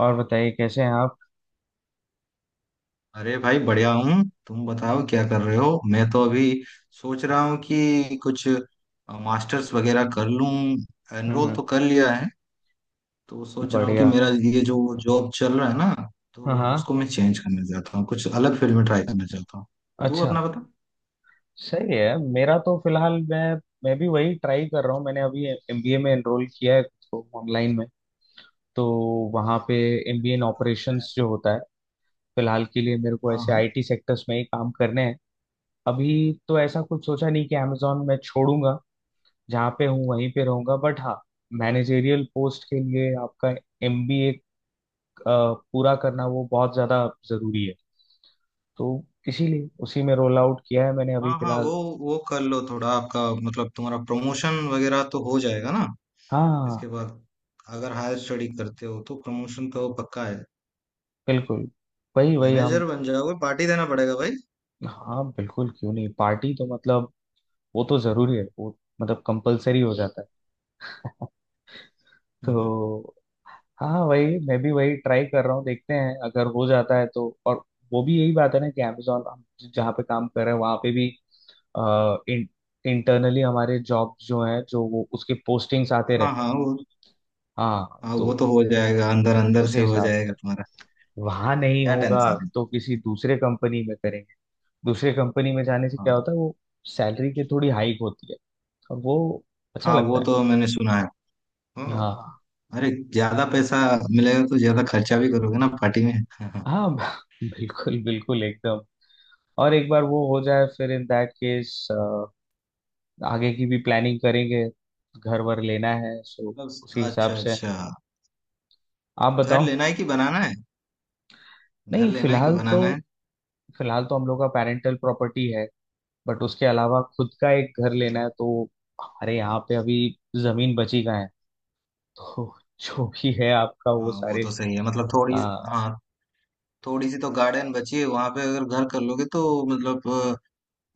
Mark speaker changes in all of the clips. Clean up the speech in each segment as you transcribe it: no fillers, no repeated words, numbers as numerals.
Speaker 1: और बताइए कैसे हैं आप।
Speaker 2: अरे भाई बढ़िया हूँ। तुम बताओ क्या कर रहे हो? मैं तो अभी सोच रहा हूँ कि कुछ मास्टर्स वगैरह कर लूँ। एनरोल
Speaker 1: हम्म।
Speaker 2: तो कर लिया है। तो सोच रहा हूँ कि
Speaker 1: बढ़िया।
Speaker 2: मेरा ये जो जॉब चल रहा है ना,
Speaker 1: हाँ
Speaker 2: तो
Speaker 1: हाँ।
Speaker 2: उसको मैं चेंज करना चाहता हूँ, कुछ अलग फील्ड में ट्राई करना चाहता हूँ। तू
Speaker 1: अच्छा।
Speaker 2: अपना बता।
Speaker 1: सही है। मेरा तो फिलहाल मैं भी वही ट्राई कर रहा हूँ। मैंने अभी एमबीए में एनरोल किया है तो ऑनलाइन में। तो वहाँ पे एमबीए इन ऑपरेशंस जो होता है। फिलहाल के लिए मेरे को
Speaker 2: हाँ,
Speaker 1: ऐसे
Speaker 2: हाँ।
Speaker 1: आईटी सेक्टर्स में ही काम करने हैं अभी। तो ऐसा कुछ सोचा नहीं कि अमेजोन मैं छोड़ूंगा। जहाँ पे हूँ वहीं पे रहूंगा बट हाँ, मैनेजेरियल पोस्ट के लिए आपका एमबीए पूरा करना वो बहुत ज़्यादा जरूरी है। तो इसीलिए उसी में रोल आउट किया है मैंने अभी
Speaker 2: हाँ, हाँ।
Speaker 1: फिलहाल।
Speaker 2: वो कर लो थोड़ा। आपका मतलब तुम्हारा प्रमोशन वगैरह तो हो जाएगा ना
Speaker 1: हाँ
Speaker 2: इसके बाद। अगर हायर स्टडी करते हो तो प्रमोशन तो पक्का है।
Speaker 1: बिल्कुल। वही वही हम।
Speaker 2: मैनेजर बन जाओगे, पार्टी देना पड़ेगा भाई।
Speaker 1: हाँ बिल्कुल क्यों नहीं, पार्टी तो मतलब वो तो जरूरी है वो, मतलब कंपलसरी हो जाता है।
Speaker 2: हम्म।
Speaker 1: तो हाँ, वही, मैं भी वही ट्राई कर रहा हूँ, देखते हैं अगर हो जाता है तो। और वो भी यही बात है ना कि अमेजोन हम जहाँ पे काम कर रहे हैं वहाँ पे भी आ, इन, इंटरनली हमारे जॉब जो है जो वो उसके पोस्टिंग्स आते
Speaker 2: हाँ,
Speaker 1: रहते हैं।
Speaker 2: हाँ, वो।
Speaker 1: हाँ।
Speaker 2: हाँ,
Speaker 1: तो
Speaker 2: वो तो हो जाएगा, अंदर अंदर
Speaker 1: उसी
Speaker 2: से हो
Speaker 1: हिसाब से।
Speaker 2: जाएगा तुम्हारा।
Speaker 1: वहां नहीं
Speaker 2: क्या
Speaker 1: होगा
Speaker 2: टेंशन है।
Speaker 1: तो किसी दूसरे कंपनी में करेंगे। दूसरे कंपनी में जाने से क्या
Speaker 2: हाँ,
Speaker 1: होता है वो सैलरी की थोड़ी हाइक होती है और वो अच्छा
Speaker 2: हाँ, वो
Speaker 1: लगता है।
Speaker 2: तो मैंने सुना है। हाँ,
Speaker 1: हाँ
Speaker 2: अरे ज्यादा पैसा मिलेगा तो ज्यादा खर्चा भी करोगे ना पार्टी में। हाँ, हाँ।
Speaker 1: हाँ। बिल्कुल बिल्कुल एकदम। और एक बार वो हो जाए फिर इन दैट केस आगे की भी प्लानिंग करेंगे। घर वर लेना है सो उसी
Speaker 2: मतलब
Speaker 1: हिसाब
Speaker 2: अच्छा
Speaker 1: से।
Speaker 2: अच्छा।
Speaker 1: आप
Speaker 2: घर
Speaker 1: बताओ।
Speaker 2: लेना है कि बनाना है? घर
Speaker 1: नहीं,
Speaker 2: लेना है कि
Speaker 1: फिलहाल तो।
Speaker 2: बनाना है?
Speaker 1: हम लोग का पेरेंटल प्रॉपर्टी है बट उसके अलावा खुद का एक घर लेना है
Speaker 2: हाँ,
Speaker 1: तो हमारे यहाँ पे अभी जमीन बची कहाँ है। तो जो भी है आपका वो
Speaker 2: हाँ, वो
Speaker 1: सारे
Speaker 2: तो सही है। मतलब थोड़ी,
Speaker 1: आ,
Speaker 2: हाँ, थोड़ी सी तो गार्डन बची है वहां पे। अगर घर कर लोगे तो मतलब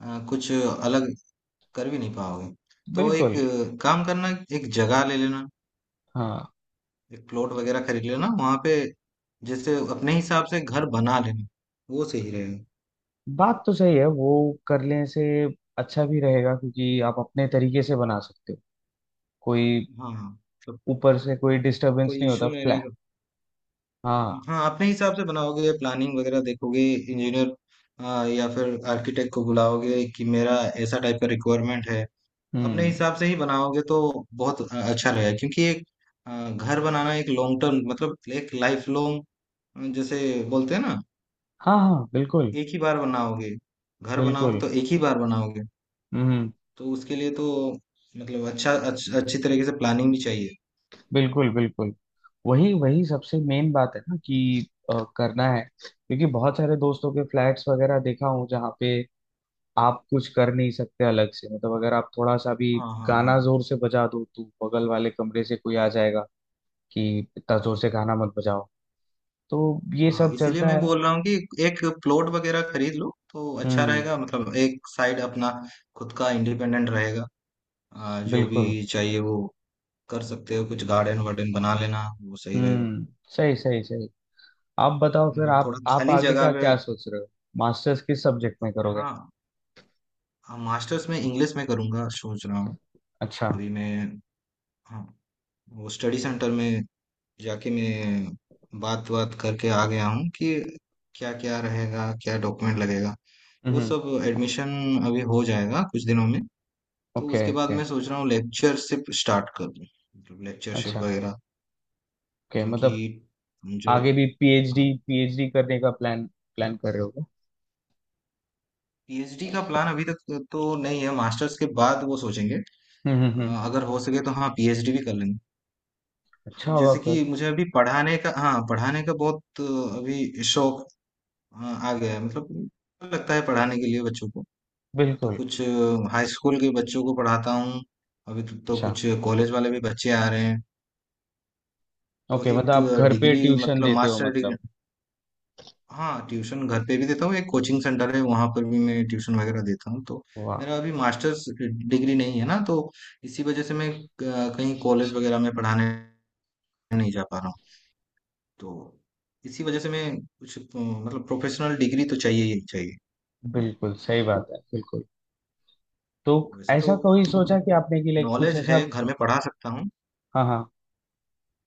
Speaker 2: कुछ अलग कर भी नहीं पाओगे। तो एक
Speaker 1: बिल्कुल।
Speaker 2: काम करना, एक जगह ले लेना,
Speaker 1: हाँ
Speaker 2: एक प्लॉट वगैरह खरीद लेना वहां पे। जैसे अपने हिसाब से घर बना लेना, वो सही रहेगा।
Speaker 1: बात तो सही है, वो करने से अच्छा भी रहेगा क्योंकि आप अपने तरीके से बना सकते हो। कोई
Speaker 2: हाँ मतलब
Speaker 1: ऊपर से कोई डिस्टरबेंस
Speaker 2: कोई
Speaker 1: नहीं होता
Speaker 2: इश्यू नहीं
Speaker 1: फ्लैट।
Speaker 2: रहेगा।
Speaker 1: हाँ।
Speaker 2: हाँ, अपने हिसाब से बनाओगे, प्लानिंग वगैरह देखोगे इंजीनियर या फिर आर्किटेक्ट को बुलाओगे कि मेरा ऐसा टाइप का रिक्वायरमेंट है। अपने
Speaker 1: हम्म।
Speaker 2: हिसाब से ही बनाओगे तो बहुत अच्छा रहेगा। क्योंकि एक घर बनाना एक लॉन्ग टर्म, मतलब एक लाइफ लॉन्ग, जैसे बोलते हैं ना।
Speaker 1: हाँ हाँ बिल्कुल
Speaker 2: एक ही बार बनाओगे, घर बनाओगे
Speaker 1: बिल्कुल।
Speaker 2: तो एक ही बार बनाओगे।
Speaker 1: हम्म।
Speaker 2: तो उसके लिए तो मतलब अच्छा अच्छी तरीके से प्लानिंग भी चाहिए।
Speaker 1: बिल्कुल बिल्कुल। वही वही सबसे मेन बात है ना कि करना है, क्योंकि बहुत सारे दोस्तों के फ्लैट्स वगैरह देखा हूँ जहाँ पे आप कुछ कर नहीं सकते अलग से। मतलब अगर आप थोड़ा सा भी
Speaker 2: हाँ, हाँ,
Speaker 1: गाना
Speaker 2: हाँ।
Speaker 1: जोर से बजा दो तो बगल वाले कमरे से कोई आ जाएगा कि इतना जोर से गाना मत बजाओ। तो ये
Speaker 2: हाँ,
Speaker 1: सब
Speaker 2: इसीलिए
Speaker 1: चलता
Speaker 2: मैं
Speaker 1: है।
Speaker 2: बोल रहा हूँ कि एक प्लॉट वगैरह खरीद लो तो अच्छा
Speaker 1: हम्म।
Speaker 2: रहेगा। मतलब एक साइड अपना खुद का इंडिपेंडेंट रहेगा। जो भी
Speaker 1: बिल्कुल।
Speaker 2: चाहिए वो कर सकते हो, कुछ गार्डन वार्डन बना लेना, वो सही रहेगा।
Speaker 1: हम्म। सही सही सही। आप बताओ फिर,
Speaker 2: मतलब
Speaker 1: आप
Speaker 2: थोड़ा
Speaker 1: आप
Speaker 2: खाली
Speaker 1: आगे
Speaker 2: जगह
Speaker 1: का
Speaker 2: पे।
Speaker 1: क्या सोच रहे हो? मास्टर्स किस सब्जेक्ट में करोगे?
Speaker 2: हाँ, मास्टर्स में इंग्लिश में करूँगा सोच रहा हूँ।
Speaker 1: अच्छा।
Speaker 2: अभी मैं, हाँ, वो स्टडी सेंटर में जाके मैं बात बात करके आ गया हूँ कि क्या क्या रहेगा, क्या डॉक्यूमेंट लगेगा। वो
Speaker 1: हम्म।
Speaker 2: सब एडमिशन अभी हो जाएगा कुछ दिनों में। तो
Speaker 1: ओके
Speaker 2: उसके बाद
Speaker 1: ओके।
Speaker 2: मैं सोच रहा हूँ लेक्चरशिप स्टार्ट कर दूँ, मतलब लेक्चरशिप
Speaker 1: अच्छा।
Speaker 2: वगैरह।
Speaker 1: ओके
Speaker 2: क्योंकि
Speaker 1: मतलब
Speaker 2: जो
Speaker 1: आगे भी पीएचडी पीएचडी करने का प्लान प्लान कर रहे हो क्या?
Speaker 2: पीएचडी का प्लान अभी तक तो नहीं है, मास्टर्स के बाद वो सोचेंगे।
Speaker 1: हम्म
Speaker 2: अ,
Speaker 1: हम्म हम्म।
Speaker 2: अगर हो सके तो हाँ, पीएचडी भी कर लेंगे।
Speaker 1: अच्छा होगा
Speaker 2: जैसे
Speaker 1: फिर।
Speaker 2: कि मुझे अभी पढ़ाने का, हाँ, पढ़ाने का बहुत अभी शौक आ गया है। मतलब लगता है पढ़ाने के लिए बच्चों को। तो
Speaker 1: बिल्कुल।
Speaker 2: कुछ हाई स्कूल के बच्चों को पढ़ाता हूँ अभी। तो
Speaker 1: अच्छा।
Speaker 2: कुछ कॉलेज वाले भी बच्चे आ रहे हैं। तो
Speaker 1: ओके मतलब
Speaker 2: एक
Speaker 1: आप घर पे
Speaker 2: डिग्री,
Speaker 1: ट्यूशन
Speaker 2: मतलब
Speaker 1: देते हो
Speaker 2: मास्टर
Speaker 1: मतलब।
Speaker 2: डिग्री। हाँ, ट्यूशन घर पे भी देता हूँ, एक कोचिंग सेंटर है वहाँ पर भी मैं ट्यूशन वगैरह देता हूँ। तो
Speaker 1: वाह।
Speaker 2: मेरा अभी मास्टर्स डिग्री नहीं है ना, तो इसी वजह से मैं कहीं कॉलेज वगैरह में पढ़ाने नहीं जा पा रहा हूँ। तो इसी वजह से मैं कुछ मतलब प्रोफेशनल डिग्री तो चाहिए ही चाहिए।
Speaker 1: बिल्कुल सही बात है बिल्कुल। तो
Speaker 2: वैसे तो
Speaker 1: ऐसा कभी सोचा कि आपने कि लाइक कुछ
Speaker 2: नॉलेज
Speaker 1: ऐसा।
Speaker 2: है, घर में पढ़ा सकता हूँ।
Speaker 1: हाँ हाँ।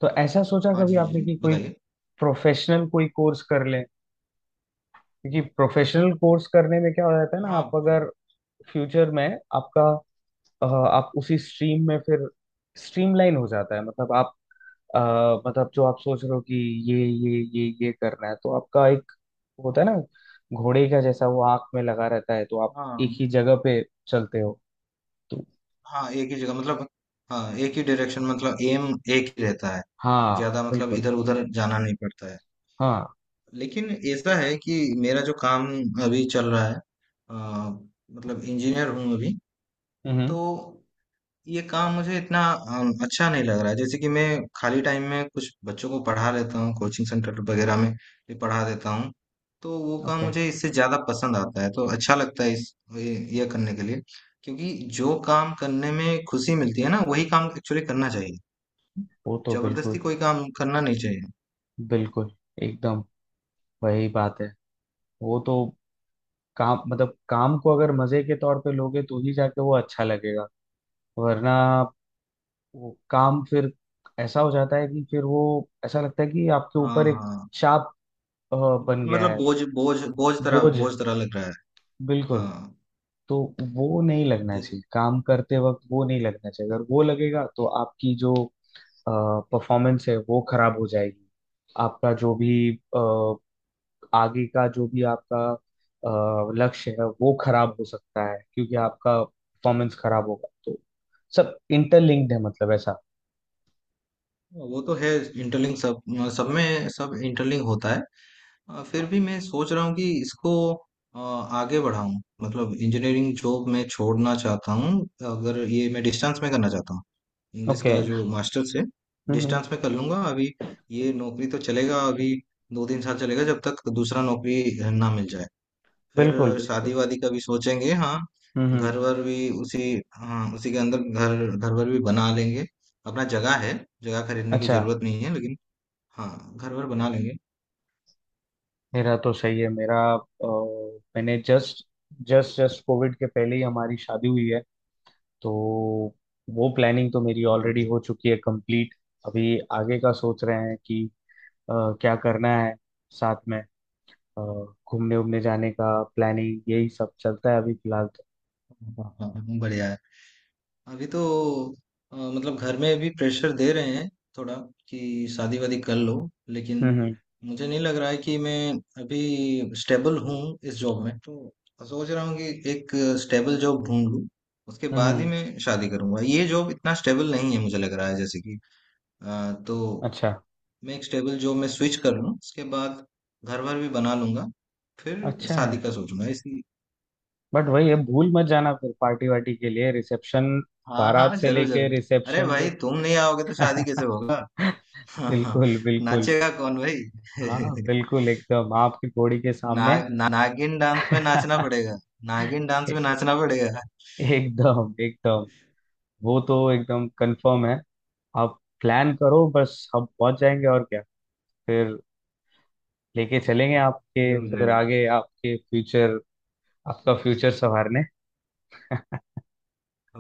Speaker 1: तो ऐसा सोचा
Speaker 2: हाँ जी,
Speaker 1: कभी
Speaker 2: जी जी,
Speaker 1: आपने कि कोई
Speaker 2: बताइए।
Speaker 1: प्रोफेशनल कोई कोर्स कर लें? क्योंकि प्रोफेशनल कोर्स करने में क्या हो जाता है ना, आप
Speaker 2: हाँ,
Speaker 1: अगर फ्यूचर में आपका आप उसी स्ट्रीम में फिर स्ट्रीमलाइन हो जाता है, मतलब आप अ, मतलब जो आप सोच रहे हो कि ये करना है, तो आपका एक वो होता है ना घोड़े का जैसा वो आंख में लगा रहता है, तो आप एक
Speaker 2: हाँ।
Speaker 1: ही जगह पे चलते हो।
Speaker 2: हाँ, एक ही जगह, मतलब हाँ, एक ही डायरेक्शन, मतलब एम, एक ही रहता है।
Speaker 1: हाँ
Speaker 2: ज्यादा मतलब
Speaker 1: बिल्कुल।
Speaker 2: इधर उधर जाना नहीं पड़ता है।
Speaker 1: हाँ।
Speaker 2: लेकिन ऐसा है कि मेरा जो काम अभी चल रहा है, अ, मतलब इंजीनियर हूँ अभी। तो
Speaker 1: हम्म।
Speaker 2: ये काम मुझे इतना अच्छा नहीं लग रहा है। जैसे कि मैं खाली टाइम में कुछ बच्चों को पढ़ा लेता हूँ, कोचिंग सेंटर वगैरह में भी पढ़ा देता हूँ। तो वो काम
Speaker 1: ओके।
Speaker 2: मुझे इससे ज्यादा पसंद आता है, तो अच्छा लगता है इस ये करने के लिए। क्योंकि जो काम करने में खुशी मिलती है ना, वही काम एक्चुअली करना चाहिए।
Speaker 1: वो तो
Speaker 2: जबरदस्ती
Speaker 1: बिल्कुल।
Speaker 2: कोई काम करना नहीं चाहिए।
Speaker 1: बिल्कुल एकदम। वही बात है। वो तो काम, मतलब काम को अगर मजे के तौर पे लोगे तो ही जाके वो अच्छा लगेगा। वरना वो काम फिर ऐसा हो जाता है कि फिर वो, ऐसा लगता है कि आपके
Speaker 2: हाँ,
Speaker 1: ऊपर एक
Speaker 2: हाँ।
Speaker 1: चाप अ, बन गया
Speaker 2: मतलब
Speaker 1: है।
Speaker 2: बोझ बोझ
Speaker 1: बोझ।
Speaker 2: बोझ तरह लग रहा है।
Speaker 1: बिल्कुल।
Speaker 2: हाँ।
Speaker 1: तो वो नहीं लगना
Speaker 2: जे-
Speaker 1: चाहिए काम करते वक्त। वो नहीं लगना चाहिए, अगर वो लगेगा तो आपकी जो परफॉर्मेंस है वो खराब हो जाएगी। आपका जो भी अ, आगे का जो भी आपका लक्ष्य है वो खराब हो सकता है, क्योंकि आपका परफॉर्मेंस खराब होगा तो सब इंटरलिंक्ड है, मतलब ऐसा।
Speaker 2: वो तो है, इंटरलिंक सब, सब में सब इंटरलिंक होता है। फिर भी मैं सोच रहा हूँ कि इसको आगे बढ़ाऊं। मतलब इंजीनियरिंग जॉब मैं छोड़ना चाहता हूँ। अगर ये मैं डिस्टेंस में करना चाहता हूँ, इंग्लिश
Speaker 1: ओके।
Speaker 2: का जो मास्टर्स है,
Speaker 1: हम्म।
Speaker 2: डिस्टेंस में कर लूंगा। अभी ये नौकरी तो चलेगा अभी, 2-3 साल चलेगा जब तक दूसरा नौकरी ना मिल जाए। फिर
Speaker 1: बिल्कुल बिल्कुल।
Speaker 2: शादी वादी का भी सोचेंगे हाँ।
Speaker 1: हम्म।
Speaker 2: घर वर भी उसी, हाँ, उसी के अंदर घर घर वर भी बना लेंगे। अपना जगह है, जगह खरीदने की
Speaker 1: अच्छा।
Speaker 2: जरूरत नहीं है, लेकिन हाँ, घर वर बना लेंगे।
Speaker 1: मेरा तो सही है। मेरा मैंने जस्ट जस्ट जस्ट कोविड के पहले ही हमारी शादी हुई है, तो वो प्लानिंग तो मेरी
Speaker 2: अरे
Speaker 1: ऑलरेडी
Speaker 2: भाई,
Speaker 1: हो चुकी है कंप्लीट। अभी आगे का सोच रहे हैं कि अ, क्या करना है साथ में, अ, घूमने उमने जाने का प्लानिंग, यही सब चलता है अभी फिलहाल तो।
Speaker 2: हाँ, हाँ, हाँ, बढ़िया है। अभी तो मतलब घर में भी प्रेशर दे रहे हैं थोड़ा कि शादी वादी कर लो। लेकिन
Speaker 1: हम्म
Speaker 2: मुझे नहीं लग रहा है कि मैं अभी स्टेबल हूँ इस जॉब में। तो सोच रहा हूँ कि एक स्टेबल जॉब ढूंढ लूँ, उसके बाद ही
Speaker 1: हम्म।
Speaker 2: मैं शादी करूंगा। ये जॉब इतना स्टेबल नहीं है मुझे लग रहा है, जैसे कि तो
Speaker 1: अच्छा।
Speaker 2: मैं एक स्टेबल जॉब में स्विच कर लूँ, उसके बाद घर भर भी बना लूंगा, फिर
Speaker 1: अच्छा है
Speaker 2: शादी का सोचूंगा इसी।
Speaker 1: बट वही है, भूल मत जाना फिर पार्टी वार्टी के लिए, रिसेप्शन,
Speaker 2: हाँ,
Speaker 1: बारात
Speaker 2: हाँ,
Speaker 1: से
Speaker 2: जरूर
Speaker 1: लेके
Speaker 2: जरूर। अरे
Speaker 1: रिसेप्शन
Speaker 2: भाई,
Speaker 1: वो।
Speaker 2: तुम नहीं आओगे तो शादी कैसे होगा। हाँ, हाँ।
Speaker 1: बिल्कुल बिल्कुल।
Speaker 2: नाचेगा कौन भाई।
Speaker 1: हाँ बिल्कुल एकदम आपकी घोड़ी के
Speaker 2: ना,
Speaker 1: सामने।
Speaker 2: ना, नागिन डांस में नाचना पड़ेगा। नागिन डांस में नाचना पड़ेगा।
Speaker 1: एकदम एकदम। वो तो एकदम कंफर्म है। आप प्लान करो बस, हम पहुंच जाएंगे और क्या। फिर लेके चलेंगे आपके,
Speaker 2: जरूर
Speaker 1: फिर
Speaker 2: जरूर।
Speaker 1: आगे आपके फ्यूचर, आपका फ्यूचर संवारने।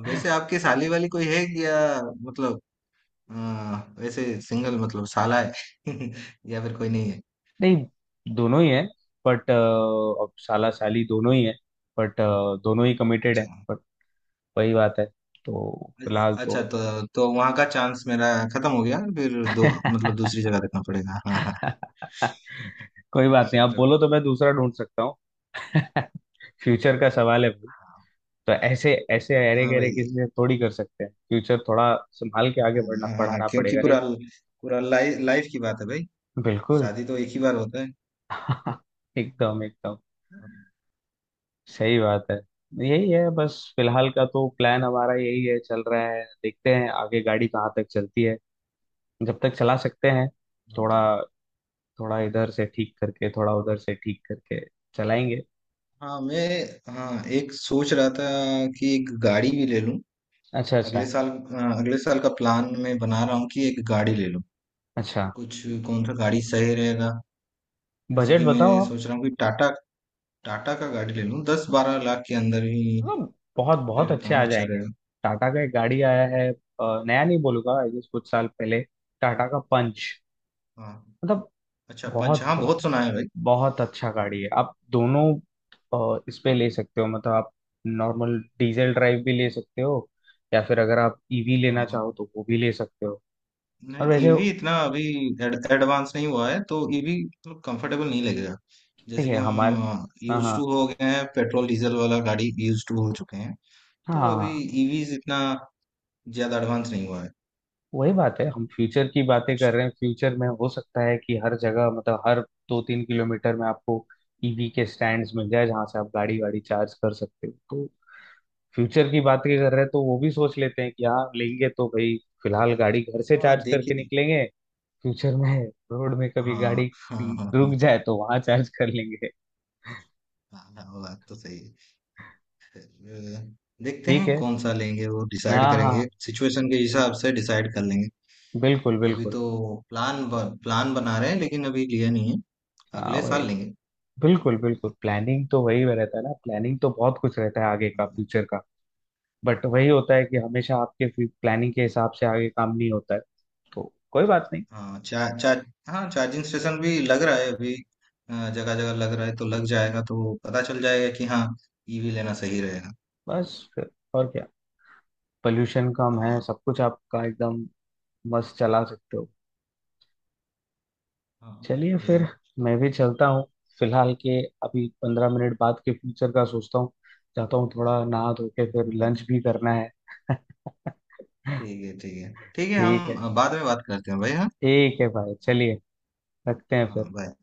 Speaker 2: वैसे आपकी साली वाली कोई है कि या मतलब अ, वैसे सिंगल मतलब साला है? या फिर कोई नहीं है?
Speaker 1: नहीं, दोनों ही है। बट अब साला साली दोनों ही है, बट दोनों ही कमिटेड
Speaker 2: अच्छा।
Speaker 1: है, बट वही बात है। तो फिलहाल
Speaker 2: अच्छा
Speaker 1: तो।
Speaker 2: तो वहां का चांस मेरा खत्म हो गया फिर। दो मतलब दूसरी जगह देखना पड़ेगा। हाँ, हाँ।
Speaker 1: कोई बात नहीं, आप
Speaker 2: चलो।
Speaker 1: बोलो तो मैं दूसरा ढूंढ सकता हूँ। फ्यूचर का सवाल है।
Speaker 2: हाँ।
Speaker 1: तो ऐसे ऐसे अरे
Speaker 2: हाँ
Speaker 1: गहरे
Speaker 2: भाई।
Speaker 1: किसी से थोड़ी कर सकते हैं, फ्यूचर थोड़ा संभाल के
Speaker 2: हाँ,
Speaker 1: आगे बढ़ना
Speaker 2: हाँ, हाँ,
Speaker 1: बढ़ाना
Speaker 2: क्योंकि
Speaker 1: पड़ेगा, नहीं।
Speaker 2: पूरा पूरा लाइफ लाइफ की बात है भाई।
Speaker 1: बिल्कुल।
Speaker 2: शादी तो एक ही बार होता है।
Speaker 1: एकदम एकदम
Speaker 2: हाँ।
Speaker 1: सही बात है। यही है बस, फिलहाल का तो प्लान हमारा यही है चल रहा है, देखते हैं आगे गाड़ी कहाँ तक चलती है। जब तक चला सकते हैं, थोड़ा थोड़ा इधर से ठीक करके, थोड़ा उधर से ठीक करके चलाएंगे।
Speaker 2: हाँ, मैं, हाँ, एक सोच रहा था कि एक गाड़ी भी ले लूं।
Speaker 1: अच्छा अच्छा
Speaker 2: अगले साल, अगले साल का प्लान मैं बना रहा हूँ कि एक गाड़ी ले लूं।
Speaker 1: अच्छा।
Speaker 2: कुछ कौन सा गाड़ी सही रहेगा? जैसे
Speaker 1: बजट
Speaker 2: कि मैं
Speaker 1: बताओ।
Speaker 2: सोच रहा हूँ कि टाटा टाटा का गाड़ी ले लूं, 10-12 लाख के अंदर ही
Speaker 1: हाँ बहुत
Speaker 2: ले
Speaker 1: बहुत
Speaker 2: लेता
Speaker 1: अच्छे
Speaker 2: हूँ,
Speaker 1: आ
Speaker 2: अच्छा
Speaker 1: जाएंगे।
Speaker 2: रहेगा।
Speaker 1: टाटा का एक गाड़ी आया है नया नहीं बोलूंगा, आई गेस कुछ साल पहले। टाटा का पंच।
Speaker 2: हाँ,
Speaker 1: मतलब
Speaker 2: अच्छा पंच,
Speaker 1: बहुत
Speaker 2: हाँ, बहुत सुना है भाई।
Speaker 1: बहुत अच्छा गाड़ी है, आप दोनों इस पे ले सकते हो, मतलब आप नॉर्मल डीजल ड्राइव भी ले सकते हो, या फिर अगर आप ईवी
Speaker 2: हाँ,
Speaker 1: लेना
Speaker 2: हाँ।
Speaker 1: चाहो तो वो भी ले सकते हो। और
Speaker 2: नहीं,
Speaker 1: वैसे।
Speaker 2: ईवी इतना अभी एडवांस नहीं हुआ है तो ईवी तो कंफर्टेबल नहीं लगेगा।
Speaker 1: ठीक
Speaker 2: जैसे कि
Speaker 1: है हमारे।
Speaker 2: हम
Speaker 1: हाँ
Speaker 2: यूज टू
Speaker 1: हाँ।
Speaker 2: हो गए हैं, पेट्रोल डीजल वाला गाड़ी यूज टू हो चुके हैं।
Speaker 1: हाँ
Speaker 2: तो अभी
Speaker 1: हाँ।
Speaker 2: ईवी इतना ज्यादा एडवांस नहीं हुआ है।
Speaker 1: वही बात है, हम फ्यूचर की
Speaker 2: तो
Speaker 1: बातें
Speaker 2: कुछ,
Speaker 1: कर रहे हैं। फ्यूचर में हो सकता है कि हर जगह, मतलब हर 2-3 किलोमीटर में आपको ईवी के स्टैंड्स मिल जाए जहां से आप गाड़ी वाड़ी चार्ज कर सकते हो, तो फ्यूचर की बातें कर रहे हैं तो वो भी सोच लेते हैं कि हाँ लेंगे तो भाई फिलहाल गाड़ी घर से
Speaker 2: हाँ
Speaker 1: चार्ज करके
Speaker 2: देखिए।
Speaker 1: निकलेंगे। फ्यूचर में रोड में कभी गाड़ी
Speaker 2: हाँ, हाँ, हाँ,
Speaker 1: रुक
Speaker 2: हाँ।
Speaker 1: जाए तो वहां चार्ज कर लेंगे।
Speaker 2: हाँ, हाँ, बात तो सही है। देखते
Speaker 1: ठीक
Speaker 2: हैं
Speaker 1: है।
Speaker 2: कौन सा लेंगे वो डिसाइड
Speaker 1: हाँ हाँ
Speaker 2: करेंगे, सिचुएशन के हिसाब से डिसाइड कर लेंगे।
Speaker 1: बिल्कुल
Speaker 2: अभी
Speaker 1: बिल्कुल।
Speaker 2: तो प्लान प्लान बना रहे हैं, लेकिन अभी लिया नहीं है।
Speaker 1: हाँ
Speaker 2: अगले
Speaker 1: वही।
Speaker 2: साल लेंगे।
Speaker 1: बिल्कुल बिल्कुल, प्लानिंग तो वही रहता है ना, प्लानिंग तो बहुत कुछ रहता है आगे का, फ्यूचर का, बट वही होता है कि हमेशा आपके प्लानिंग के हिसाब से आगे काम नहीं होता है, तो कोई बात नहीं।
Speaker 2: हाँ चार चार हाँ चार्जिंग स्टेशन भी लग रहा है अभी, जगह जगह लग रहा है। तो लग जाएगा तो पता चल जाएगा कि हाँ, ईवी लेना सही रहेगा।
Speaker 1: बस फिर और क्या, पोल्यूशन कम है,
Speaker 2: हाँ,
Speaker 1: सब कुछ आपका एकदम मस्त चला सकते हो।
Speaker 2: हाँ,
Speaker 1: चलिए
Speaker 2: बढ़िया
Speaker 1: फिर।
Speaker 2: है।
Speaker 1: मैं भी चलता हूँ, फिलहाल के अभी 15 मिनट बाद के फ्यूचर का सोचता हूँ, जाता हूँ थोड़ा नहा धो के, फिर लंच भी
Speaker 2: ठीक
Speaker 1: करना है।
Speaker 2: है, ठीक है। ठीक है,
Speaker 1: ठीक
Speaker 2: हम
Speaker 1: है।
Speaker 2: बाद में बात करते हैं भाई, हाँ।
Speaker 1: ठीक है भाई चलिए। रखते हैं फिर।
Speaker 2: हाँ, bye।